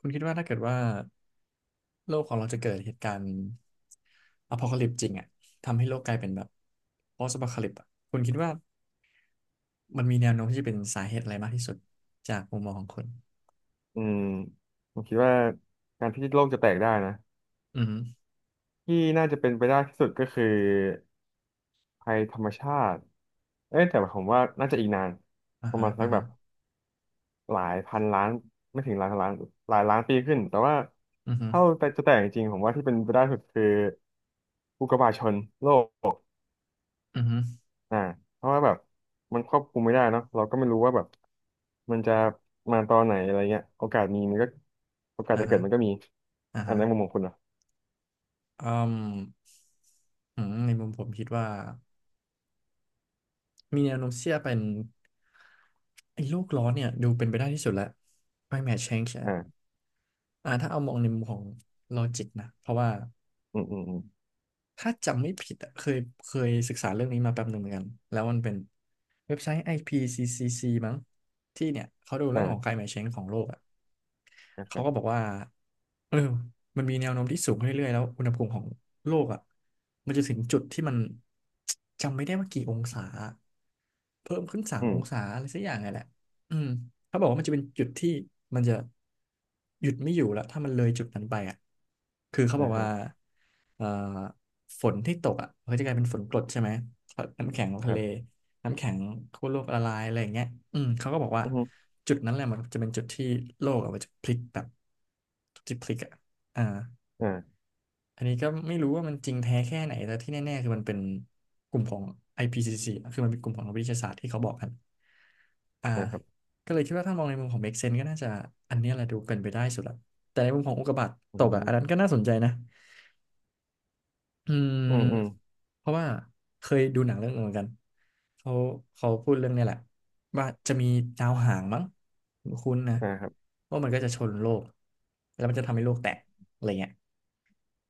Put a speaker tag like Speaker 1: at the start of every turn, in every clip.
Speaker 1: คุณคิดว่าถ้าเกิดว่าโลกของเราจะเกิดเหตุการณ์อพอลิปจริงอ่ะทำให้โลกกลายเป็นแบบ post apocalypse อะคุณคิดว่ามันมีแนวโน้มที่จะเป็นสาเหตุอะไรมากที่สุดจากมุมมองของคุณ
Speaker 2: อืมผมคิดว่าการที่โลกจะแตกได้นะ
Speaker 1: อือฮึ
Speaker 2: ที่น่าจะเป็นไปได้ที่สุดก็คือภัยธรรมชาติเอ้ยแต่ผมว่าน่าจะอีกนาน
Speaker 1: อ่า
Speaker 2: ประ
Speaker 1: ฮะ
Speaker 2: มาณสั
Speaker 1: อ่า
Speaker 2: กแบ
Speaker 1: ฮะ
Speaker 2: บหลายพันล้านไม่ถึงหลายพันล้านหลายล้านปีขึ้นแต่ว่า
Speaker 1: อือฮึ
Speaker 2: ถ้าแต่จะแตกจริงๆผมว่าที่เป็นไปได้สุดคืออุกกาบาตชนโลก
Speaker 1: อือฮึ
Speaker 2: อ่าเพราะว่าแบบมันควบคุมไม่ได้เนอะเราก็ไม่รู้ว่าแบบมันจะมาตอนไหนอะไรเงี้ยโอกาสมีมันก็โอกาส
Speaker 1: อ่า
Speaker 2: จะเกิ
Speaker 1: ฮะ
Speaker 2: ดมันก็มี
Speaker 1: อ่า
Speaker 2: อัน
Speaker 1: ฮะ
Speaker 2: นั้นมุมมองคุณนะ
Speaker 1: อืมในมุมผมคิดว่ามีแนวโน้มเสี่จงเป็นไอ้โลกร้อนเนี่ยดูเป็นไปได้ที่สุดแล้ว climate change อะ
Speaker 2: อ่า
Speaker 1: อ่าถ้าเอามองในมุมของ logic นะเพราะว่า
Speaker 2: อืมอืมอืม
Speaker 1: ถ้าจำไม่ผิดอะเคยศึกษาเรื่องนี้มาแป๊บหนึ่งเหมือนกันแล้วมันเป็นเว็บไซต์ IPCCC มั้งที่เนี่ยเขาดูเรื่องของ
Speaker 2: อ่า
Speaker 1: climate change ของโลกอะ
Speaker 2: นะค
Speaker 1: เขา
Speaker 2: รั
Speaker 1: ก็บ
Speaker 2: บ
Speaker 1: อกว่าเออมันมีแนวโน้มที่สูงขึ้นเรื่อยๆแล้วอุณหภูมิของโลกอะมันจะถึงจุดที่มัน จำไม่ได้ว่ากี่องศาเพิ่มขึ้นสาม
Speaker 2: อื
Speaker 1: อ
Speaker 2: ม
Speaker 1: งศาอะไรสักอย่างไงแหละอืม เขาบอกว่ามันจะเป็นจุดที่มันจะหยุดไม่อยู่แล้วถ้ามันเลยจุดนั้นไปอ่ะคือเขาบอ
Speaker 2: อ่า
Speaker 1: ก
Speaker 2: ฮะ
Speaker 1: ว่าเอ่อฝนที่ตกอ่ะมันก็จะกลายเป็นฝนกรดใช่ไหมน้ำแข็งของ
Speaker 2: ค
Speaker 1: ทะ
Speaker 2: รั
Speaker 1: เล
Speaker 2: บ
Speaker 1: น้ำแข็งขั้วโลกละลายอะไรอย่างเงี้ยอืมเขาก็บอกว่า
Speaker 2: อืม
Speaker 1: จุดนั้นแหละมันจะเป็นจุดที่โลกอะมันจะพลิกแบบจุดที่พลิกอ่ะอ่า
Speaker 2: อ่า
Speaker 1: อันนี้ก็ไม่รู้ว่ามันจริงแท้แค่ไหนแต่ที่แน่ๆคือมันเป็นกลุ่มของ IPCC คือมันเป็นกลุ่มของนักวิทยาศาสตร์ที่เขาบอกกันอ่า
Speaker 2: นะครับ
Speaker 1: ก็เลยคิดว่าถ้ามองในมุมของ make sense ก็น่าจะอันเนี้ยแหละดูเป็นไปได้สุดละแต่ในมุมของอุกกาบาต
Speaker 2: อื
Speaker 1: ตกอ่ะอันนั้น
Speaker 2: ม
Speaker 1: ก็น่าสนใจนะอืม
Speaker 2: อืมอืม
Speaker 1: เพราะว่าเคยดูหนังเรื่องหนึงเหมือนกันเขาเขาพูดเรื่องเนี้ยแหละว่าจะมีดาวหางมั้งคุ้นๆนะ
Speaker 2: อ่าครับ
Speaker 1: ว่ามันก็จะชนโลกแล้วมันจะทำให้โลกแตกอะไรเงี้ย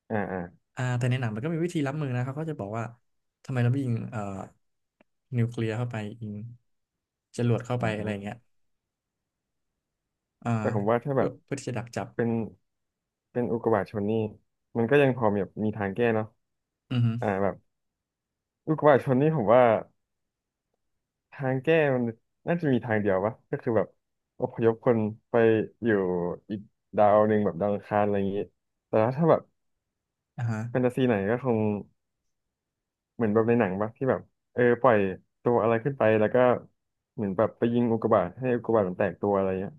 Speaker 2: อ่าอ่า
Speaker 1: อ่าแต่ในหนังมันก็มีวิธีรับมือนะเขาก็จะบอกว่าทำไมเราไม่ยิงนิวเคลียร์เข้าไปยิงจรวดเข้าไป
Speaker 2: อื
Speaker 1: อะไรอย่าง
Speaker 2: ม
Speaker 1: เงี้ยอ่า
Speaker 2: แต่ผมว่าถ้าแบ
Speaker 1: เพื่อ
Speaker 2: บ
Speaker 1: เพื่อที่จะดักจับ
Speaker 2: เป็นเป็นอุกกาบาตชนนี่มันก็ยังพอมีแบบมีทางแก้เนาะ
Speaker 1: อือฮึ
Speaker 2: แบบอุกกาบาตชนนี่ผมว่าทางแก้มันน่าจะมีทางเดียววะก็คือแบบอพยพคนไปอยู่อีกดาวหนึ่งแบบดาวอังคารอะไรอย่างงี้แต่ว่าถ้าแบบ
Speaker 1: อ่าฮะ
Speaker 2: แฟนตาซีไหนก็คง เหมือนแบบในหนังปะที่แบบเออปล่อยตัวอะไรขึ้นไปแล้วก็เหมือนแบบไปยิงอุกกาบาตให้อุกกาบาตมันแตกตัวอะไรเงี้ย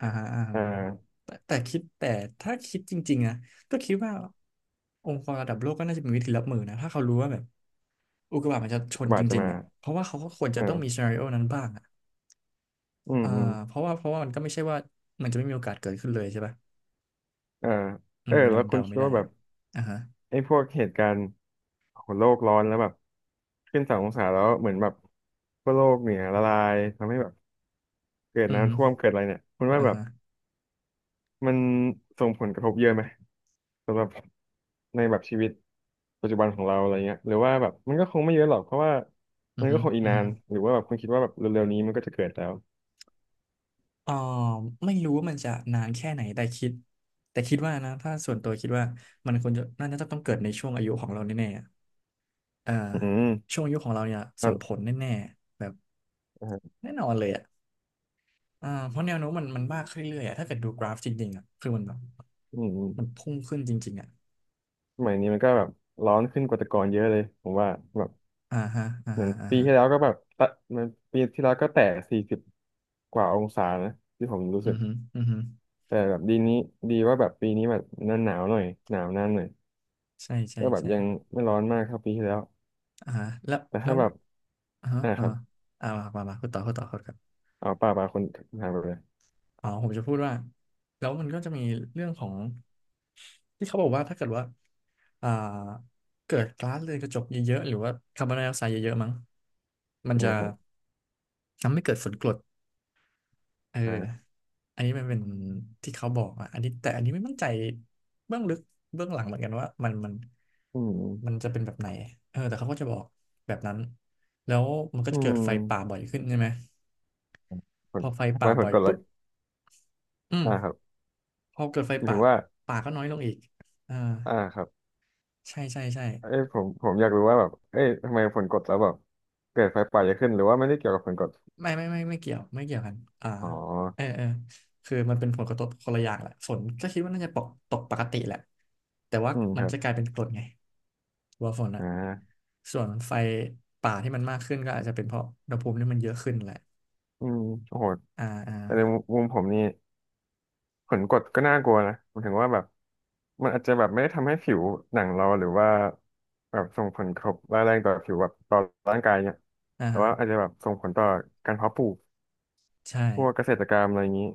Speaker 1: อ่าฮะอ่าฮะ
Speaker 2: อ่า
Speaker 1: แต่ถ้าคิดจริงๆนะก็คิดว่าองค์กรระดับโลกก็น่าจะมีวิธีรับมือนะถ้าเขารู้ว่าแบบอุกกาบาตมันจะช
Speaker 2: อุก
Speaker 1: น
Speaker 2: กาบา
Speaker 1: จ
Speaker 2: ตจะ
Speaker 1: ริง
Speaker 2: มา
Speaker 1: ๆอ่ะเพราะว่าเขาก็ควรจะ
Speaker 2: เอ
Speaker 1: ต้องมี
Speaker 2: อ
Speaker 1: ซีนาริโอนั้นบ้างอ่ะ
Speaker 2: อืม
Speaker 1: อ่า
Speaker 2: อืม
Speaker 1: เพราะว่ามันก็ไม่ใช่ว่ามันจะไม่มีโอกาสเกิดขึ้นเลยใช่ป่ะ
Speaker 2: เออ
Speaker 1: อื
Speaker 2: เออ
Speaker 1: มมั
Speaker 2: แล้
Speaker 1: น
Speaker 2: วคุ
Speaker 1: เดา
Speaker 2: ณคิ
Speaker 1: ไม่
Speaker 2: ด
Speaker 1: ได้
Speaker 2: ว่าแบบ
Speaker 1: อ่าฮะ
Speaker 2: ไอ้พวกเหตุการณ์ของโลกร้อนแล้วแบบขึ้นสององศาแล้วเหมือนแบบพวกโลกเนี่ยละลายทำให้แบบเกิด
Speaker 1: อือฮึ
Speaker 2: น้ำท่วมเกิดอะไรเนี่ยคุณว่า
Speaker 1: อ่า
Speaker 2: แบบ
Speaker 1: ฮะ
Speaker 2: มันส่งผลกระทบเยอะไหมสำหรับในแบบชีวิต ปัจจุบันของเราอะไรเงี้ยหรือว่าแบบมันก็คงไม่เยอะหรอกเพราะว่า
Speaker 1: อื
Speaker 2: มั
Speaker 1: อ
Speaker 2: นก็
Speaker 1: ฮึ
Speaker 2: คงอีก
Speaker 1: อือ
Speaker 2: นา
Speaker 1: ฮึ
Speaker 2: นหรือว่าแบบคุณคิดว่าแบบเร็วๆนี้มันก็จะเกิดแล้ว
Speaker 1: อ่อไม่รู้ว่ามันจะนานแค่ไหนแต่คิดว่านะถ้าส่วนตัวคิดว่ามันควรจะน่าจะต้องเกิดในช่วงอายุของเราแน่ๆอะเอ่า
Speaker 2: อืม
Speaker 1: ช่วงอายุของเราเนี่ยส่งผ
Speaker 2: อ่ะ
Speaker 1: ลแน่ๆแบบ
Speaker 2: อ่ะ
Speaker 1: แน่นอนเลยอ่ะอ่าเพราะแนวโน้มมันมากขึ้นเรื่อยๆอะถ้าเกิดดูกราฟจริงๆอ่ะคือมันแบบ
Speaker 2: อืม
Speaker 1: มันพุ่งขึ้นจริงๆอ่ะ
Speaker 2: สมัยนี้มันก็แบบร้อนขึ้นกว่าแต่ก่อนเยอะเลยผมว่าแบบ
Speaker 1: อ่าฮะอ่า
Speaker 2: เหมือ
Speaker 1: ฮะ
Speaker 2: น
Speaker 1: อ่า
Speaker 2: ปี
Speaker 1: ฮะ
Speaker 2: ที่แล้วก็แบบตะมันปีที่แล้วก็แตะสี่สิบกว่าองศานะที่ผมรู้
Speaker 1: อื
Speaker 2: สึก
Speaker 1: อฮึอือฮึ
Speaker 2: แต่แบบดีนี้ดีว่าแบบปีนี้แบบหน้าหนาวหน่อยหนาวนานหน่อย
Speaker 1: ใช่ใช่
Speaker 2: ก็แบบ
Speaker 1: ใช่
Speaker 2: ยังไม่ร้อนมากเท่าปีที่แล้ว
Speaker 1: อ่าฮะแล้ว
Speaker 2: แต่
Speaker 1: แล้
Speaker 2: ถ้า
Speaker 1: ว
Speaker 2: แบบ
Speaker 1: อ่าฮะ
Speaker 2: อ่า
Speaker 1: อ่า
Speaker 2: ครับ
Speaker 1: ฮะอ่ามามามาพูดต่อพูดต่อพูดต่อ
Speaker 2: เอาป่าคนถามไปเลย
Speaker 1: อ๋อผมจะพูดว่าแล้วมันก็จะมีเรื่องของที่เขาบอกว่าถ้าเกิดว่าอ่าเกิดก๊าซเรือนกระจกเยอะๆหรือว่าคาร์บอนไดออกไซด์เยอะๆมั้งมันจะ
Speaker 2: นะครับ
Speaker 1: ทำให้เกิดฝนกรดเออ
Speaker 2: อ่า
Speaker 1: อันนี้มันเป็นที่เขาบอกอ่ะอันนี้แต่อันนี้ไม่มั่นใจเบื้องลึกเบื้องหลังเหมือนกันว่ามัน
Speaker 2: อืม
Speaker 1: มันจะเป็นแบบไหนเออแต่เขาก็จะบอกแบบนั้นแล้วมันก็
Speaker 2: อื
Speaker 1: จะเกิด
Speaker 2: ม
Speaker 1: ไฟป่าบ่อยขึ้นใช่ไหม
Speaker 2: ผ
Speaker 1: พ
Speaker 2: ล
Speaker 1: อไฟ
Speaker 2: ทำไม
Speaker 1: ป่า
Speaker 2: ผล
Speaker 1: บ่อย
Speaker 2: กดแล้ว
Speaker 1: ปุ๊บอื
Speaker 2: อ่าครับ
Speaker 1: มพอเกิดไฟ
Speaker 2: หมาย
Speaker 1: ป่า
Speaker 2: ถึงว่า
Speaker 1: ป่าก็น้อยลงอีกอ่า
Speaker 2: อ่าครับ
Speaker 1: ใช่ใช่ใช่
Speaker 2: เอ้ยผมอยากรู้ว่าแบบเอ้ยทำไมผลกดแล้วแบบเกิดไฟป่าเยอะขึ้นหรือว่าไม่ได้เกี่ยวกับผลกด
Speaker 1: ไม่เกี่ยวไม่เกี่ยวกันอ่า
Speaker 2: อ๋อ
Speaker 1: เออเออคือมันเป็นผลกระทบคนละอย่างแหละฝนก็คิดว่าน่าจะปกตกปกติแหละแต่ว่า
Speaker 2: อืมค
Speaker 1: มัน
Speaker 2: รับ
Speaker 1: จะกลายเป็นกรดไงตัวฝนอะ
Speaker 2: อ่า
Speaker 1: ส่วนไฟป่าที่มันมากขึ้นก็อาจจะเป็นเพราะอุณหภูมิที่มันเยอะขึ้นแหละ
Speaker 2: อืมโอ้โห
Speaker 1: อ่า
Speaker 2: แต่ในมุมผมนี่ผลกดก็น่ากลัวนะหมายถึงว่าแบบมันอาจจะแบบไม่ได้ทำให้ผิวหนังเราหรือว่าแบบส่งผลกระทบร้ายแรงต่อผิวแบบต่อร่างกายเนี่ย
Speaker 1: อ่า
Speaker 2: แต่
Speaker 1: ฮะ
Speaker 2: ว่าอาจจะแบบส่งผลต่อการเพาะปลูก
Speaker 1: ใช่
Speaker 2: พวกเกษตรกรรมอะไรอย่างนี้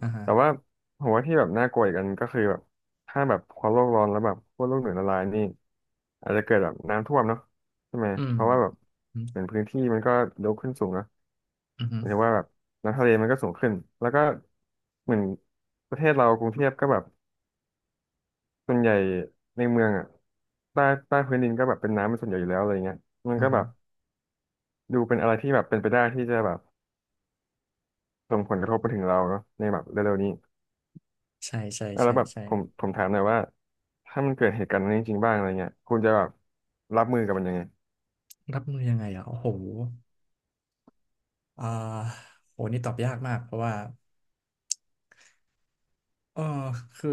Speaker 1: อ่าฮะ
Speaker 2: แต่ว่าผมว่าที่แบบน่ากลัวอีกอันก็คือแบบถ้าแบบความโลกร้อนแล้วแบบขั้วโลกเหนือละลายนี่อาจจะเกิดแบบน้ำท่วมเนาะใช่ไหม
Speaker 1: อืม
Speaker 2: เพราะว่าแบบ
Speaker 1: อืม
Speaker 2: เหมือนพื้นที่มันก็ยกขึ้นสูงเนอะ
Speaker 1: อื
Speaker 2: หมา
Speaker 1: ม
Speaker 2: ยถึงว่าแบบน้ำทะเลมันก็สูงขึ้นแล้วก็เหมือนประเทศเรากรุงเทพก็แบบส่วนใหญ่ในเมืองอ่ะใต้ใต้พื้นดินก็แบบเป็นน้ำเป็นส่วนใหญ่อยู่แล้วอะไรเงี้ยมัน
Speaker 1: อ่า
Speaker 2: ก็แบ
Speaker 1: ฮะ
Speaker 2: บดูเป็นอะไรที่แบบเป็นไปได้ที่จะแบบส่งผลกระทบไปถึงเราเนาะในแบบเร็วๆนี้
Speaker 1: ใช่ใช่
Speaker 2: อ่ะแล้
Speaker 1: ใช่
Speaker 2: วแบบ
Speaker 1: ใช่
Speaker 2: ผมถามหน่อยว่าถ้ามันเกิดเหตุการณ์นั้นจริงๆบ้างอะไรเงี้ยคุณจะแบบรับมือกับมันยังไง
Speaker 1: รับมือยังไงอ่ะโอ้โหอ่าโหนี่ตอบยากมากเพราะว่าเออคือ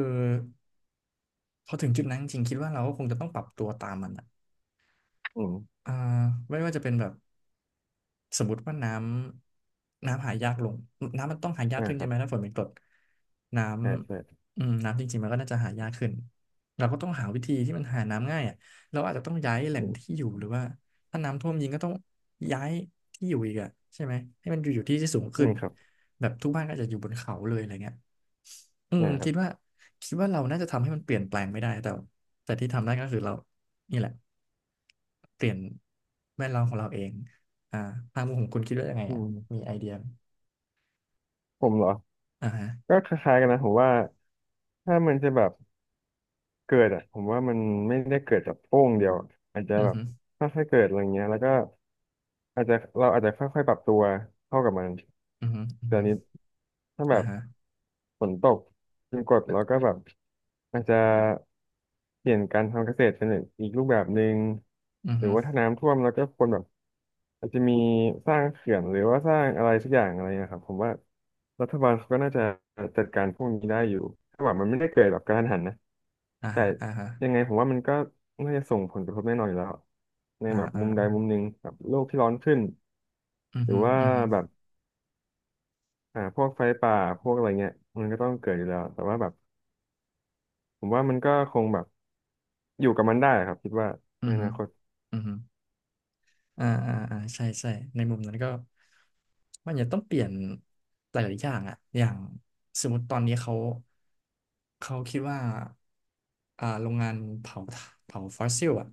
Speaker 1: พอถึงจุดนั้นจริงๆคิดว่าเราก็คงจะต้องปรับตัวตามมันอ่ะ
Speaker 2: อืม
Speaker 1: อ่าไม่ว่าจะเป็นแบบสมมติว่าน้ำหายากลงน้ำมันต้องหายาก
Speaker 2: นี่า
Speaker 1: ขึ้น
Speaker 2: ค
Speaker 1: ใช่
Speaker 2: รั
Speaker 1: ไห
Speaker 2: บ
Speaker 1: มถ้าฝนเป็นกรดน้
Speaker 2: ใช่ใช่
Speaker 1: ำน้ำจริงๆมันก็น่าจะหายากขึ้นเราก็ต้องหาวิธีที่มันหาน้ำง่ายอ่ะเราอาจจะต้องย้ายแหล่
Speaker 2: อื
Speaker 1: ง
Speaker 2: ม
Speaker 1: ที่อยู่หรือว่าถ้าน้ำท่วมจริงก็ต้องย้ายที่อยู่อีกอ่ะใช่ไหมให้มันอยู่ที่ที่สูง
Speaker 2: อื
Speaker 1: ขึ้น
Speaker 2: มครับ
Speaker 1: แบบทุกบ้านก็จะอยู่บนเขาเลยอะไรเงี้ย อืม
Speaker 2: นี่าครั
Speaker 1: คิด
Speaker 2: บ
Speaker 1: ว่าคิดว่าเราน่าจะทำให้มันเปลี่ยนแปลงไม่ได้แต่ที่ทำได้ก็คือเรานี่แหละเปลี่ยนแวดล้อมของเราเองอ่าทางมุมของคุณคิดว่ายังไง
Speaker 2: อื
Speaker 1: อ่ะ
Speaker 2: ม
Speaker 1: มีไอเดียไหม
Speaker 2: ผมเหรอ
Speaker 1: อ่าฮะ
Speaker 2: ก็คล้ายๆกันนะผมว่าถ้ามันจะแบบเกิดอ่ะผมว่ามันไม่ได้เกิดจากโป้งเดียวอะอาจจะ
Speaker 1: อือ
Speaker 2: แบบ
Speaker 1: ฮึ
Speaker 2: ค่อยๆเกิดอะไรเงี้ยแล้วก็อาจจะเราอาจจะค่อยๆปรับตัวเข้ากับมัน
Speaker 1: อือฮึอือ
Speaker 2: แต่
Speaker 1: ฮึ
Speaker 2: อันนี้ถ้าแบ
Speaker 1: อ่า
Speaker 2: บ
Speaker 1: ฮะ
Speaker 2: ฝนตกจึงกดแล้วก็แบบอาจจะ เปลี่ยนการทำเกษตรเป็นอีกรูปแบบหนึ่ง
Speaker 1: อือ
Speaker 2: หรื
Speaker 1: ฮึ
Speaker 2: อว่าถ้าน้ำท่วมเราก็ควรแบบอาจจะมีสร้างเขื่อนหรือว่าสร้างอะไรสักอย่างอะไรนะครับผมว่ารัฐบาลเขาก็น่าจะจัดการพวกนี้ได้อยู่ถ้าแบบมันไม่ได้เกิดแบบกระทันหันนะ
Speaker 1: อ่า
Speaker 2: แต่
Speaker 1: ฮะอ่าฮะ
Speaker 2: ยังไงผมว่ามันก็น่าจะส่งผลกระทบแน่นอนอยู่แล้วใน
Speaker 1: อ่า
Speaker 2: แบบ
Speaker 1: อ่า
Speaker 2: มุมใดมุมหนึ่งแบบโลกที่ร้อนขึ้น
Speaker 1: อือ
Speaker 2: หรือ
Speaker 1: ฮึ
Speaker 2: ว่า
Speaker 1: อือฮึ
Speaker 2: แบบพวกไฟป่าพวกอะไรเงี้ยมันก็ต้องเกิดอยู่แล้วแต่ว่าแบบผมว่ามันก็คงแบบอยู่กับมันได้ครับคิดว่า
Speaker 1: อื
Speaker 2: ใน
Speaker 1: อ
Speaker 2: อ
Speaker 1: ฮึ
Speaker 2: นาคต
Speaker 1: อือฮึ อ่าอ่าอ่าใช่ใช่ในมุมนั้นก็มันจะต้องเปลี่ยนหลายๆอย่างอะอย่างสมมติตอนนี้เขาคิดว่าโรงงานเผาฟอสซิลอะ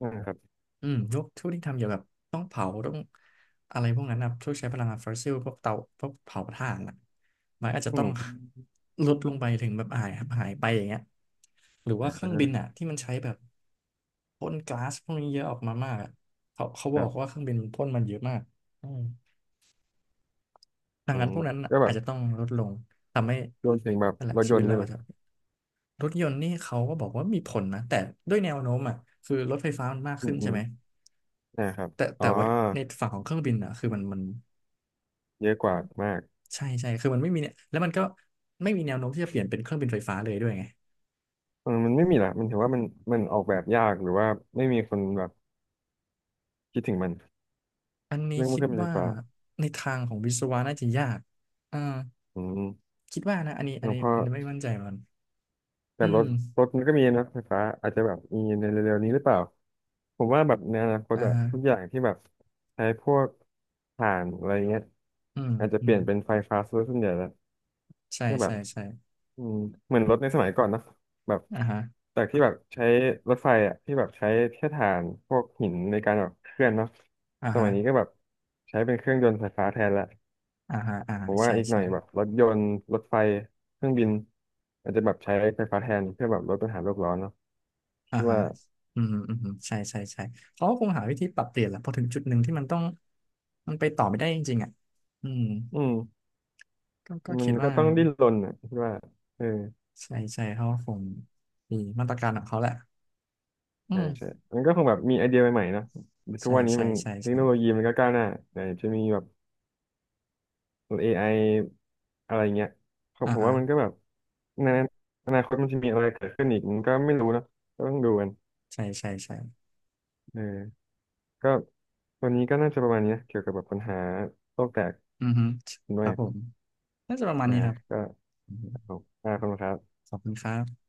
Speaker 2: อ่าครับ
Speaker 1: อืมพวกทุกที่ทำเกี่ยวกับต้องเผาต้องอะไรพวกนั้นนะพวกใช้พลังงานฟอสซิลพวกเตาพวกเผาถ่านอ่ะมันอาจจะ
Speaker 2: อื
Speaker 1: ต้อง
Speaker 2: ม
Speaker 1: ลดลงไปถึงแบบหายไปอย่างเงี้ยหรือว่า
Speaker 2: อ่
Speaker 1: เครื่องบิน
Speaker 2: า
Speaker 1: อ่ะที่มันใช้แบบพ่นก๊าซพวกนี้เยอะออกมามากอะเขา
Speaker 2: ค
Speaker 1: บ
Speaker 2: รั
Speaker 1: อก
Speaker 2: บ
Speaker 1: ว่าเครื่องบินมันพ่นมันเยอะมากอืมดัง
Speaker 2: อื
Speaker 1: นั้น
Speaker 2: ม
Speaker 1: พวกนั้นน่ะ
Speaker 2: ก็แบ
Speaker 1: อาจ
Speaker 2: บ
Speaker 1: จะต้องลดลงทำให้
Speaker 2: รวมถึงแบบ
Speaker 1: นั่นแหละ
Speaker 2: รถ
Speaker 1: ชี
Speaker 2: ย
Speaker 1: วิ
Speaker 2: น
Speaker 1: ต
Speaker 2: ต์
Speaker 1: เรา
Speaker 2: ด้วยไหม
Speaker 1: อาจจะรถยนต์นี่เขาก็บอกว่ามีผลนะแต่ด้วยแนวโน้มอ่ะคือรถไฟฟ้ามันมาก
Speaker 2: อื
Speaker 1: ขึ้
Speaker 2: ม
Speaker 1: น
Speaker 2: อื
Speaker 1: ใช่
Speaker 2: ม
Speaker 1: ไหม
Speaker 2: อ่าครับ
Speaker 1: แต่
Speaker 2: อ๋
Speaker 1: แต่
Speaker 2: อ
Speaker 1: ว่าในฝั่งของเครื่องบินอ่ะคือมัน
Speaker 2: เยอะกว่ามาก
Speaker 1: ใช่ใช่คือมันไม่มีเนี่ยแล้วมันก็ไม่มีแนวโน้มที่จะเปลี่ยนเป็นเครื่องบินไฟฟ้าเลยด้วยไง
Speaker 2: เออมันไม่มีละมันถือว่ามันออกแบบยากหรือว่าไม่มีคนแบบคิดถึงมัน
Speaker 1: อันนี้
Speaker 2: เรื่องเค
Speaker 1: คิด
Speaker 2: รื่องบินไฟ
Speaker 1: ว่า
Speaker 2: ฟ้า
Speaker 1: ในทางของวิศวะน่าจะยากอ่า
Speaker 2: อืม
Speaker 1: คิดว่านะอันนี้อัน
Speaker 2: แล้ว
Speaker 1: นี้
Speaker 2: พอ
Speaker 1: อันนี้ไม่มั่นใจเหมือนกัน
Speaker 2: แต่
Speaker 1: อื
Speaker 2: ร
Speaker 1: ม
Speaker 2: ถรถมันก็มีนะไฟฟ้าอาจจะแบบมีในเร็วๆนี้หรือเปล่า ผมว่าแบบในอนาคต
Speaker 1: อ่า
Speaker 2: อะ
Speaker 1: ฮะ
Speaker 2: ทุกอย่างที่แบบใช้พวกถ่านอะไรเงี้ย
Speaker 1: อืม
Speaker 2: อาจจะ
Speaker 1: อื
Speaker 2: เปลี่
Speaker 1: ม
Speaker 2: ยนเป็นไฟฟ้าซะส่วนใหญ่แล้ว
Speaker 1: ใช่
Speaker 2: ก็แบ
Speaker 1: ใช่
Speaker 2: บ
Speaker 1: ใช่
Speaker 2: อืมเหมือนรถในสมัยก่อนเนอะแบบ
Speaker 1: อ่าฮะ
Speaker 2: จากที่แบบใช้รถไฟอ่ะที่แบบใช้แค่ถ่านพวกหินในการแบบเคลื่อนเนาะ
Speaker 1: อ่า
Speaker 2: สมั
Speaker 1: ฮะ
Speaker 2: ยนี้ก็แบบใช้เป็นเครื่องยนต์ไฟฟ้าแทนละ
Speaker 1: อ่าฮะอ่า
Speaker 2: ผ
Speaker 1: ฮะ
Speaker 2: มว่า
Speaker 1: ใช่
Speaker 2: อีกหน่
Speaker 1: ใช่
Speaker 2: อยแบบรถยนต์รถไฟเครื่องบินอาจจะแบบใช้ไฟฟ้าแทนเพื่อแบบลดปัญหาโลกร้อนเนาะคิ
Speaker 1: อ่า
Speaker 2: ด
Speaker 1: ฮะ
Speaker 2: ว่า
Speaker 1: อืมอืมอืมใช่ใช่ใช่เขาก็คงหาวิธีปรับเปลี่ยนแหละพอถึงจุดหนึ่งที่มันต้องมันไปต่อไม่ได้จริงๆอ่ะอืม
Speaker 2: อืม
Speaker 1: ก็
Speaker 2: มั
Speaker 1: คิ
Speaker 2: น
Speaker 1: ด
Speaker 2: ก็
Speaker 1: ว่า
Speaker 2: ต้องดิ้นรนอ่ะคิดว่าเออ
Speaker 1: ใช่ใช่เขาคงมีมาตรการของเขาแหละอื
Speaker 2: ใช่ใช่
Speaker 1: ม
Speaker 2: มันก็คงแบบมีไอเดียใหม่ๆเนาะทุ
Speaker 1: ใช่
Speaker 2: กวันนี้
Speaker 1: ใช่
Speaker 2: มัน
Speaker 1: ใช่
Speaker 2: เทค
Speaker 1: ใช่
Speaker 2: โนโลยีมันก็ก้าวหน้าไหนจะมีแบบ AI อะไรเงี้ยครับ
Speaker 1: อ่า
Speaker 2: ผม
Speaker 1: ฮะ
Speaker 2: ว่ามันก็แบบ ในอนาคตมันจะมีอะไรเกิดขึ้นอีกมันก็ไม่รู้เนอะก็ต้องดูกัน
Speaker 1: ใช่ใช่ใช่
Speaker 2: เออก็วันนี้ก็น่าจะประมาณนี้นะเกี่ยวกับแบบปัญหาโลกแตก
Speaker 1: อือฮึ
Speaker 2: ด้
Speaker 1: ค
Speaker 2: ว
Speaker 1: รั
Speaker 2: ย
Speaker 1: บผมน่าจะประมาณ
Speaker 2: นะ
Speaker 1: นี้ครับ
Speaker 2: ก็
Speaker 1: อือฮึ
Speaker 2: รบอ่าขอบคุณครับ
Speaker 1: ขอบคุณครับ